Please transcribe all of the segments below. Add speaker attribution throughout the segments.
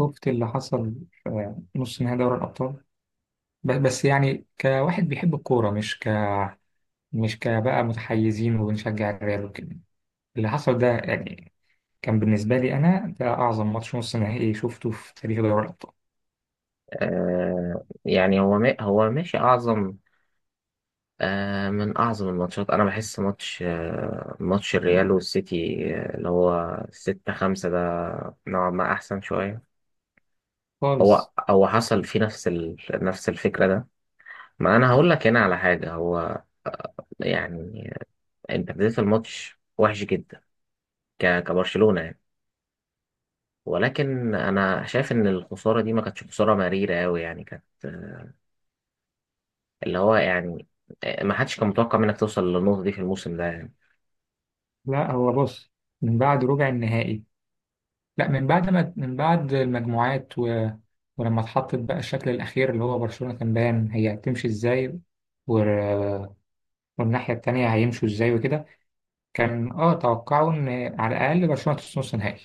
Speaker 1: شفت اللي حصل في نص نهائي دوري الأبطال؟ بس يعني كواحد بيحب الكورة، مش كبقى متحيزين وبنشجع الريال وكده. اللي حصل ده يعني كان بالنسبة لي أنا ده أعظم ماتش نص نهائي شفته في تاريخ دوري الأبطال
Speaker 2: هو هو ماشي أعظم، من أعظم الماتشات. أنا بحس ماتش الريال والسيتي، اللي هو ستة خمسة ده. نوعا ما أحسن شوية.
Speaker 1: خالص.
Speaker 2: هو حصل فيه نفس الفكرة ده. ما أنا هقول لك هنا على حاجة. هو، آه، يعني انت بديت الماتش وحش جدا، كبرشلونة يعني. ولكن انا شايف ان الخسارة دي ما كانتش خسارة مريرة قوي، يعني كانت، اللي هو يعني آه، ما حدش كان متوقع منك توصل للنقطة دي في الموسم ده يعني.
Speaker 1: لا، هو بص، من بعد ربع النهائي، لا، من بعد ما من بعد المجموعات، و... ولما اتحطت بقى الشكل الأخير اللي هو برشلونة كان باين هي هتمشي إزاي، و... والناحية التانية هيمشوا إزاي وكده. كان توقعوا ان على الاقل برشلونه توصل نص نهائي.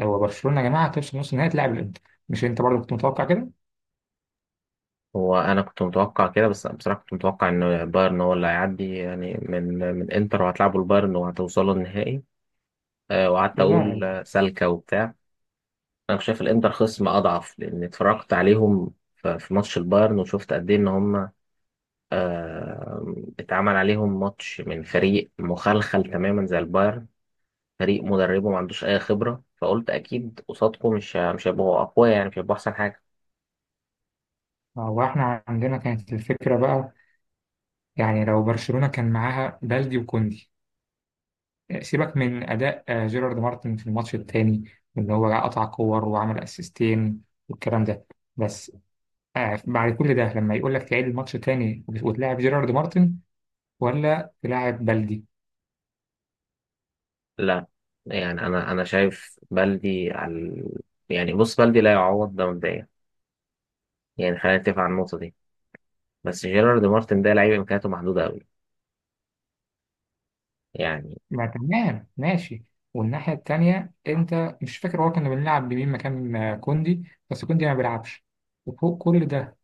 Speaker 1: هو برشلونه يا جماعه توصل نص نهائي تلعب الانتر. مش انت برضه كنت متوقع كده؟
Speaker 2: هو أنا كنت متوقع كده، بس بصراحة كنت متوقع إن بايرن هو اللي هيعدي، يعني من إنتر، وهتلعبوا البايرن وهتوصلوا النهائي. وقعدت
Speaker 1: لا،
Speaker 2: أقول،
Speaker 1: لا.
Speaker 2: سالكة وبتاع. أنا شايف الإنتر خصم أضعف، لأن اتفرجت عليهم في ماتش البايرن، وشفت قد إيه إن هم، آه، اتعمل عليهم ماتش من فريق مخلخل تماما زي البايرن. فريق مدربه ما عندوش أي خبرة، فقلت أكيد قصادكم مش هيبقوا أقوياء، يعني مش هيبقوا أحسن حاجة.
Speaker 1: هو احنا عندنا كانت الفكره بقى، يعني لو برشلونه كان معاها بلدي وكوندي. سيبك من اداء جيرارد مارتن في الماتش التاني، ان هو قطع كور وعمل اسيستين والكلام ده. بس بعد كل ده لما يقول لك تعيد الماتش تاني وتلاعب جيرارد مارتن ولا تلاعب بلدي.
Speaker 2: لا، يعني انا شايف بلدي على، يعني بص بلدي لا يعوض ده مبدئيا. يعني خلينا نتفق على النقطه دي. بس جيرارد مارتن ده لعيب امكانياته محدوده قوي يعني.
Speaker 1: ما تمام، ماشي. والناحية التانية أنت مش فاكر هو كنا بنلعب بمين مكان كوندي؟ بس كوندي ما بيلعبش، وفوق كل ده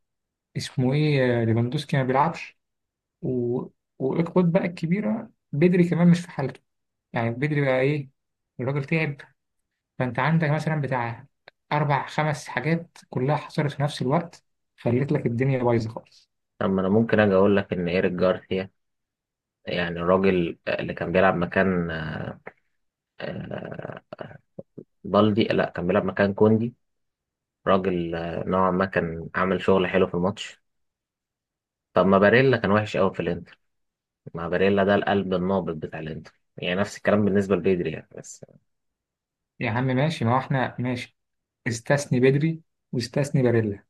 Speaker 1: اسمه إيه ليفاندوسكي ما بيلعبش، و... والإقباط بقى الكبيرة بدري كمان مش في حالته. يعني بدري بقى إيه؟ الراجل تعب. فأنت عندك مثلا بتاع أربع خمس حاجات كلها حصلت في نفس الوقت، خلت لك الدنيا بايظة خالص.
Speaker 2: اما انا ممكن اجي اقول لك ان ايريك جارثيا، يعني الراجل اللي كان بيلعب مكان آه، بالدي لا، كان بيلعب مكان كوندي. راجل، نوعا ما كان عامل شغل حلو في الماتش. طب ما باريلا كان وحش قوي في الانتر. ما باريلا ده القلب النابض بتاع الانتر، يعني نفس الكلام بالنسبه لبيدري يعني بس.
Speaker 1: يا عم ماشي، ما هو إحنا ماشي. استثني بدري واستثني باريلا.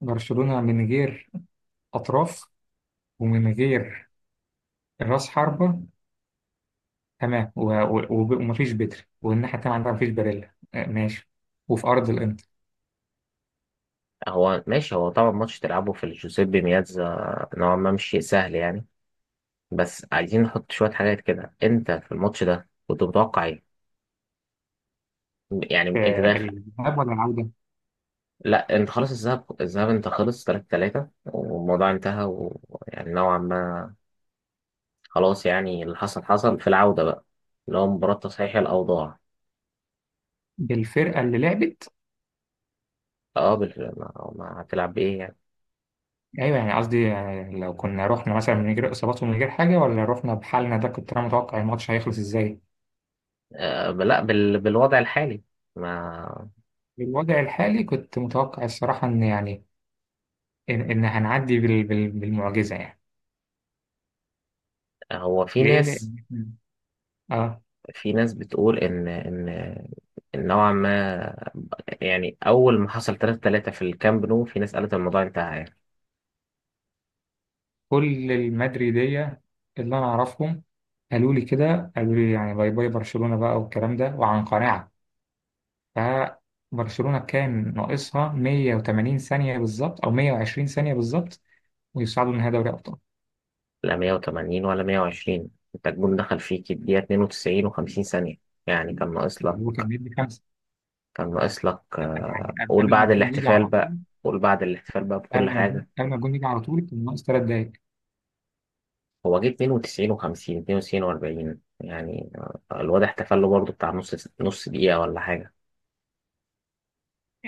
Speaker 1: برشلونة من غير أطراف ومن غير راس حربة، تمام، ومفيش بتر، والناحية التانية عندها مفيش باريلا، ماشي، وفي أرض الإنتر.
Speaker 2: هو ماشي. هو طبعا ماتش تلعبه في الجوزيبي مياتزا نوعا ما مش شيء سهل يعني. بس عايزين نحط شوية حاجات كده. انت في الماتش ده كنت متوقع ايه؟ يعني انت داخل.
Speaker 1: الذهاب ولا العودة؟
Speaker 2: لا انت خلاص، الذهاب انت خلص 3-3 والموضوع انتهى، ويعني نوعا ما خلاص. يعني اللي حصل حصل في العودة بقى، اللي هو مباراة تصحيح الأوضاع.
Speaker 1: بالفرقة اللي لعبت.
Speaker 2: اه، ما هتلعب بإيه يعني؟
Speaker 1: أيوة، يعني قصدي يعني لو كنا رحنا مثلا من غير إصابات ومن غير حاجة، ولا رحنا بحالنا ده، كنت أنا متوقع الماتش هيخلص إزاي؟
Speaker 2: لا، بالوضع الحالي. ما
Speaker 1: بالوضع الحالي كنت متوقع الصراحة إن يعني إن هنعدي بالمعجزة يعني.
Speaker 2: هو في
Speaker 1: ليه؟ لأن
Speaker 2: ناس
Speaker 1: إحنا- آه
Speaker 2: في ناس بتقول ان ان إن نوعا ما، يعني اول ما حصل 3-3 في الكامب نو، في ناس قالت الموضوع انتهى يعني.
Speaker 1: كل المدريدية اللي أنا أعرفهم قالوا لي كده، قالوا لي يعني باي باي برشلونة بقى والكلام ده، وعن قناعة. فبرشلونة كان ناقصها 180 ثانية بالظبط أو 120 ثانية بالظبط ويصعدوا لنهائي دوري أبطال.
Speaker 2: لا 180 ولا 120، انت الجون دخل فيك الدقيقه 92 و50 ثانيه. يعني كان ناقص
Speaker 1: هو كان
Speaker 2: لك.
Speaker 1: مدي خمسة،
Speaker 2: كان ناقص لك.
Speaker 1: يعني
Speaker 2: قول
Speaker 1: قبل ما
Speaker 2: بعد
Speaker 1: الجون يجي
Speaker 2: الاحتفال
Speaker 1: على
Speaker 2: بقى.
Speaker 1: طول.
Speaker 2: قول بعد الاحتفال بقى بكل
Speaker 1: قبل ما الجون
Speaker 2: حاجه.
Speaker 1: قبل ما الجون يجي على طول كان ناقص 3 دقايق.
Speaker 2: هو جه 92 و50، 92 و40 يعني. الواد احتفل له برضه بتاع نص نص دقيقه ولا حاجه.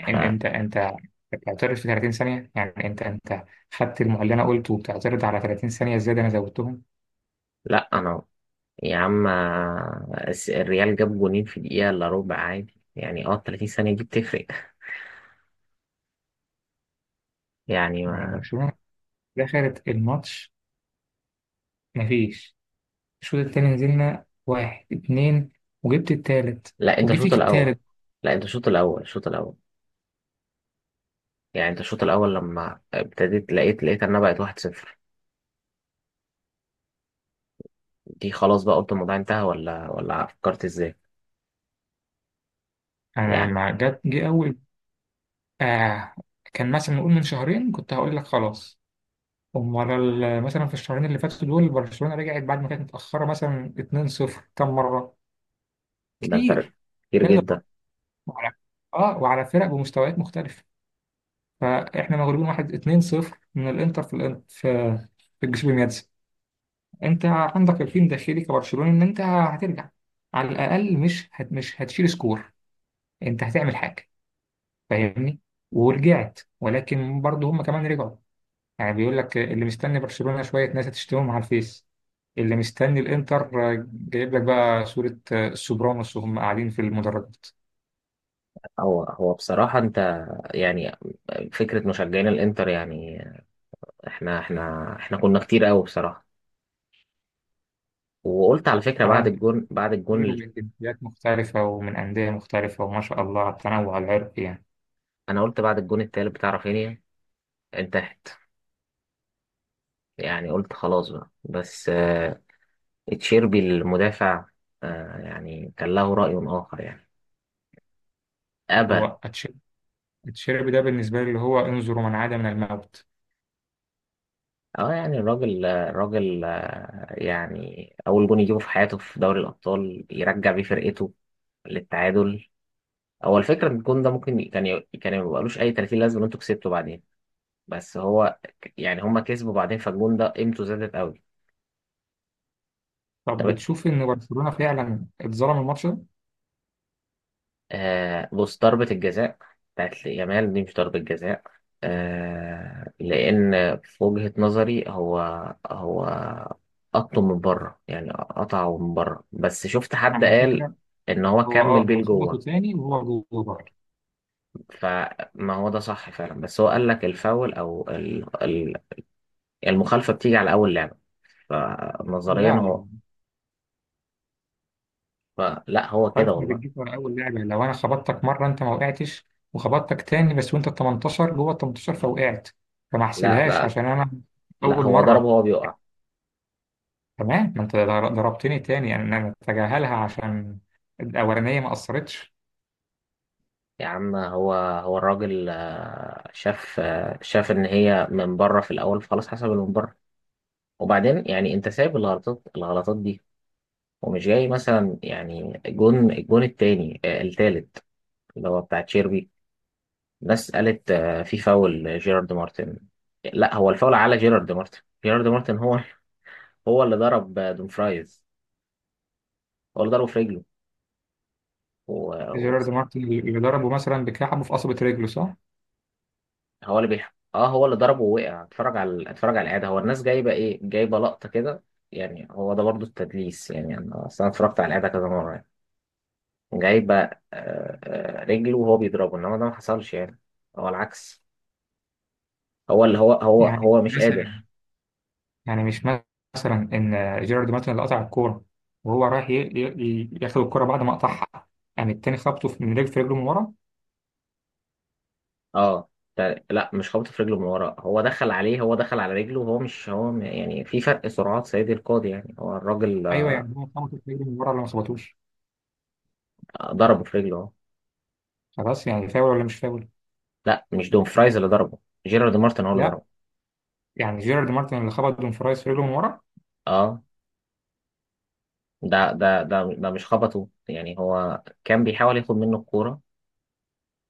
Speaker 1: إن- أنت أنت بتعترض في 30 ثانية، يعني أنت خدت المعلنة قلت وبتعترض على 30 ثانية زيادة، أنا زودتهم.
Speaker 2: انا، يا عم، الريال جاب جونين في دقيقة إلا ربع عادي، يعني اه 30 ثانية دي بتفرق يعني
Speaker 1: يعني
Speaker 2: ما...
Speaker 1: برشلونة دخلت الماتش، مفيش، الشوط التاني نزلنا واحد اتنين وجبت التالت
Speaker 2: لا انت
Speaker 1: وجي
Speaker 2: الشوط
Speaker 1: فيك
Speaker 2: الأول.
Speaker 1: التالت.
Speaker 2: لا انت الشوط الأول، الشوط الأول. يعني انت الشوط الأول لما ابتديت لقيت انها بقت 1-0. دي خلاص بقى، قلت الموضوع انتهى ولا فكرت ازاي؟
Speaker 1: أنا
Speaker 2: يعني
Speaker 1: لما جه أول آه كان مثلا نقول من شهرين كنت هقول لك خلاص. أمال؟ مثلا في الشهرين اللي فاتوا دول برشلونة رجعت بعد ما كانت متأخرة مثلا 2-0 كم مرة؟
Speaker 2: ده انت
Speaker 1: كتير،
Speaker 2: كتير
Speaker 1: كذا مرة،
Speaker 2: جدا.
Speaker 1: وعلى، اه وعلى فرق بمستويات مختلفة. فاحنا مغلوبين واحد، 2-0 من الانتر، في الانتر، في الجسوبيمياتس. انت عندك يقين داخلي كبرشلوني ان انت هترجع، على الاقل مش هتشيل سكور، انت هتعمل حاجه، فاهمني؟ ورجعت ولكن برضه هم كمان رجعوا. يعني بيقول لك اللي مستني برشلونه شويه ناس هتشتمهم على الفيس، اللي مستني الانتر جايب لك بقى صوره سوبرانوس وهم قاعدين في المدرجات.
Speaker 2: هو بصراحة انت يعني، فكرة مشجعين الانتر يعني، احنا كنا كتير قوي بصراحة. وقلت على فكرة بعد
Speaker 1: عالم
Speaker 2: الجون، بعد الجون.
Speaker 1: كتير ومن جنسيات مختلفه ومن انديه مختلفه، وما شاء الله على التنوع العرقي يعني.
Speaker 2: انا قلت بعد الجون التالت بتاع رافينيا انتهت يعني. قلت خلاص بقى، بس تشيربي المدافع يعني كان له رأي آخر يعني. أبى.
Speaker 1: هو أتش- اتشيربي ده بالنسبه لي اللي هو انظروا من عاد من الموت.
Speaker 2: اه، يعني الراجل، يعني أول جون يجيبه في حياته في دوري الأبطال، يرجع بيه فرقته للتعادل. هو الفكرة إن الجون ده ممكن كان ما بقالوش أي 30 لازمة إن أنتوا كسبتوا بعدين. بس هو يعني هما كسبوا بعدين، فالجون ده قيمته زادت قوي.
Speaker 1: طب
Speaker 2: طب،
Speaker 1: بتشوف ان برشلونه فعلا اتظلم الماتش ده؟
Speaker 2: بص، ضربة الجزاء بتاعت يامال دي مش ضربة جزاء. لأن في وجهة نظري هو قطه من بره، يعني قطعه من بره. بس شفت حد
Speaker 1: على
Speaker 2: قال
Speaker 1: فكره،
Speaker 2: إن هو كمل بيه
Speaker 1: هو خبطه
Speaker 2: لجوه.
Speaker 1: تاني وهو جوه برضه.
Speaker 2: فما هو ده صح فعلا، بس هو قال لك الفاول أو المخالفة بتيجي على أول لعبة.
Speaker 1: لا،
Speaker 2: فنظريا هو.
Speaker 1: على.
Speaker 2: لا، هو
Speaker 1: عارف
Speaker 2: كده
Speaker 1: انك
Speaker 2: والله.
Speaker 1: بتجيب ورا اول لعبه؟ لو انا خبطتك مره انت ما وقعتش، وخبطتك تاني بس وانت ال 18 جوه ال 18 فوقعت، فما
Speaker 2: لا،
Speaker 1: احسبهاش
Speaker 2: لا،
Speaker 1: عشان انا
Speaker 2: لا،
Speaker 1: اول
Speaker 2: هو ضربه
Speaker 1: مره.
Speaker 2: هو بيقع.
Speaker 1: تمام، ما انت ضربتني تاني، يعني انا اتجاهلها عشان الاولانيه ما اثرتش.
Speaker 2: يا عم، هو الراجل، شاف ان هي من بره في الاول. خلاص حسب اللي من بره. وبعدين يعني انت سايب الغلطات دي، ومش جاي مثلا، يعني الجون التاني، التالت، اللي هو بتاع تشيربي. الناس قالت في فاول جيرارد مارتن. لا، هو الفاول على جيرارد مارتن. جيرارد مارتن هو هو اللي ضرب دومفرايز، هو اللي ضربه في رجله.
Speaker 1: جيرارد مارتن اللي ضربه مثلا بكعبه في قصبة رجله، صح؟
Speaker 2: هو اللي بيح... اه هو اللي ضربه ووقع. اتفرج على الاعاده. هو الناس جايبه ايه؟ جايبه لقطه كده، يعني. هو ده برضو التدليس، يعني انا اصل انا اتفرجت على الاعاده كذا مره يعني. جايبه رجله وهو بيضربه، انما ده ما حصلش يعني. هو العكس. هو اللي هو هو
Speaker 1: يعني
Speaker 2: هو مش
Speaker 1: مثلا،
Speaker 2: قادر.
Speaker 1: يعني مش مثلا ان جيرارد مارتن اللي قطع الكوره وهو رايح ياخد الكوره بعد ما قطعها، يعني التاني خبطه في، من رجل، في رجله من ورا.
Speaker 2: اه، ف- لا، مش خبط في رجله من ورا. هو دخل عليه، هو دخل على رجله، وهو مش يعني في فرق سرعات سيدي القاضي يعني. هو الراجل
Speaker 1: ايوه، يعني هو خبطه في رجله من ورا ولا ما خبطوش؟
Speaker 2: ضربه في رجله اهو.
Speaker 1: خلاص، يعني فاول ولا مش فاول؟
Speaker 2: لا مش دومفرايز اللي ضربه، جيرارد مارتن هو اللي
Speaker 1: لا،
Speaker 2: ضربه.
Speaker 1: يعني جيرارد مارتن اللي خبط دون فرايز في رجله من ورا.
Speaker 2: اه، ده مش خبطه، يعني هو كان بيحاول ياخد منه الكورة،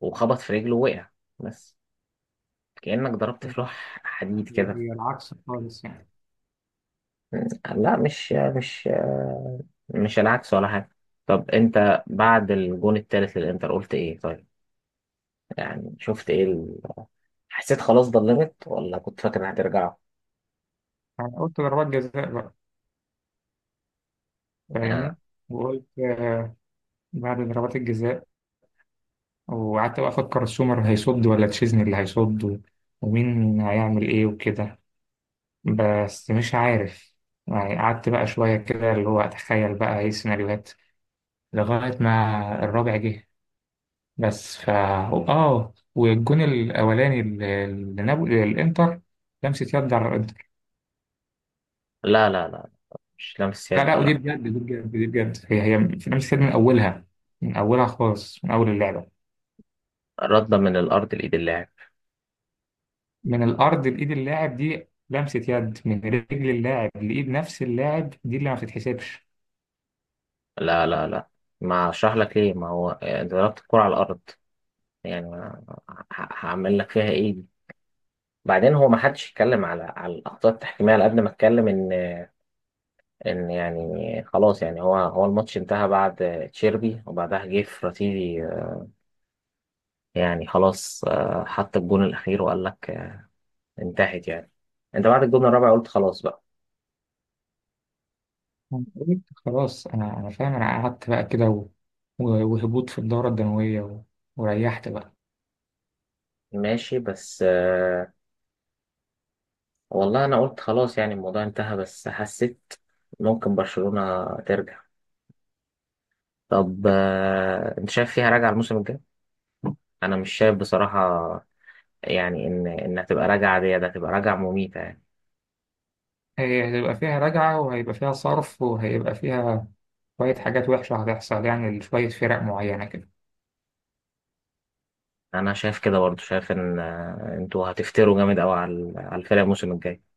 Speaker 2: وخبط في رجله ووقع بس. كأنك ضربت في
Speaker 1: لا،
Speaker 2: لوح حديد كده.
Speaker 1: هي العكس خالص يعني.
Speaker 2: لا، مش العكس ولا حاجة. طب انت بعد الجون التالت للانتر قلت ايه طيب؟ يعني شفت ايه حسيت خلاص ضلمت، ولا كنت فاكر هترجعوا؟
Speaker 1: انا قلت ضربات جزاء بقى، فاهمني؟
Speaker 2: آه.
Speaker 1: وقلت بعد ضربات الجزاء، وقعدت بقى افكر سومر هيصد ولا تشيزني اللي هيصد، ومين هيعمل ايه وكده، بس مش عارف. يعني قعدت بقى شوية كده اللي هو أتخيل بقى إيه السيناريوهات لغاية ما الرابع جه. بس فا آه والجون الأولاني اللي نابولي الإنتر، لمسة يد على الإنتر.
Speaker 2: لا، لا، لا، مش لامس
Speaker 1: لا،
Speaker 2: يد
Speaker 1: لا، ودي
Speaker 2: ولا.
Speaker 1: بجد، دي بجد، دي بجد، هي لمسة يد من أولها، من أولها خالص، من أول اللعبة.
Speaker 2: ردة من الارض لايد اللاعب.
Speaker 1: من الأرض لإيد اللاعب دي لمسة يد من رجل اللاعب لإيد نفس اللاعب، دي اللي ما بتتحسبش.
Speaker 2: لا، لا، لا، ما اشرح لك ليه. ما هو ضربت الكرة على الارض. يعني ه- هعمل لك فيها ايه دي؟ بعدين، هو ما حدش يتكلم على الاخطاء التحكيميه على قد ما اتكلم ان، يعني خلاص. يعني هو الماتش انتهى بعد تشيربي، وبعدها جه فراتيلي. يعني خلاص، حط الجون الاخير وقال لك انتهت يعني. انت بعد الجون الرابع قلت خلاص بقى.
Speaker 1: قلت خلاص، انا فاهم، انا قعدت بقى كده، و... وهبوط في الدورة الدموية، و... وريحت بقى.
Speaker 2: ماشي. بس والله انا قلت خلاص يعني الموضوع انتهى، بس حسيت ممكن برشلونه ترجع. طب، انت شايف فيها راجعه الموسم الجاي؟ انا مش شايف بصراحه. يعني ان انها تبقى راجعه دي، ده تبقى راجعه مميته يعني.
Speaker 1: هي هيبقى فيها رجعة، وهيبقى فيها صرف، وهيبقى فيها شوية حاجات وحشة هتحصل يعني لشوية فرق معينة كده.
Speaker 2: انا شايف كده برضو، شايف ان انتوا هتفتروا جامد قوي على الفرقه الموسم الجاي.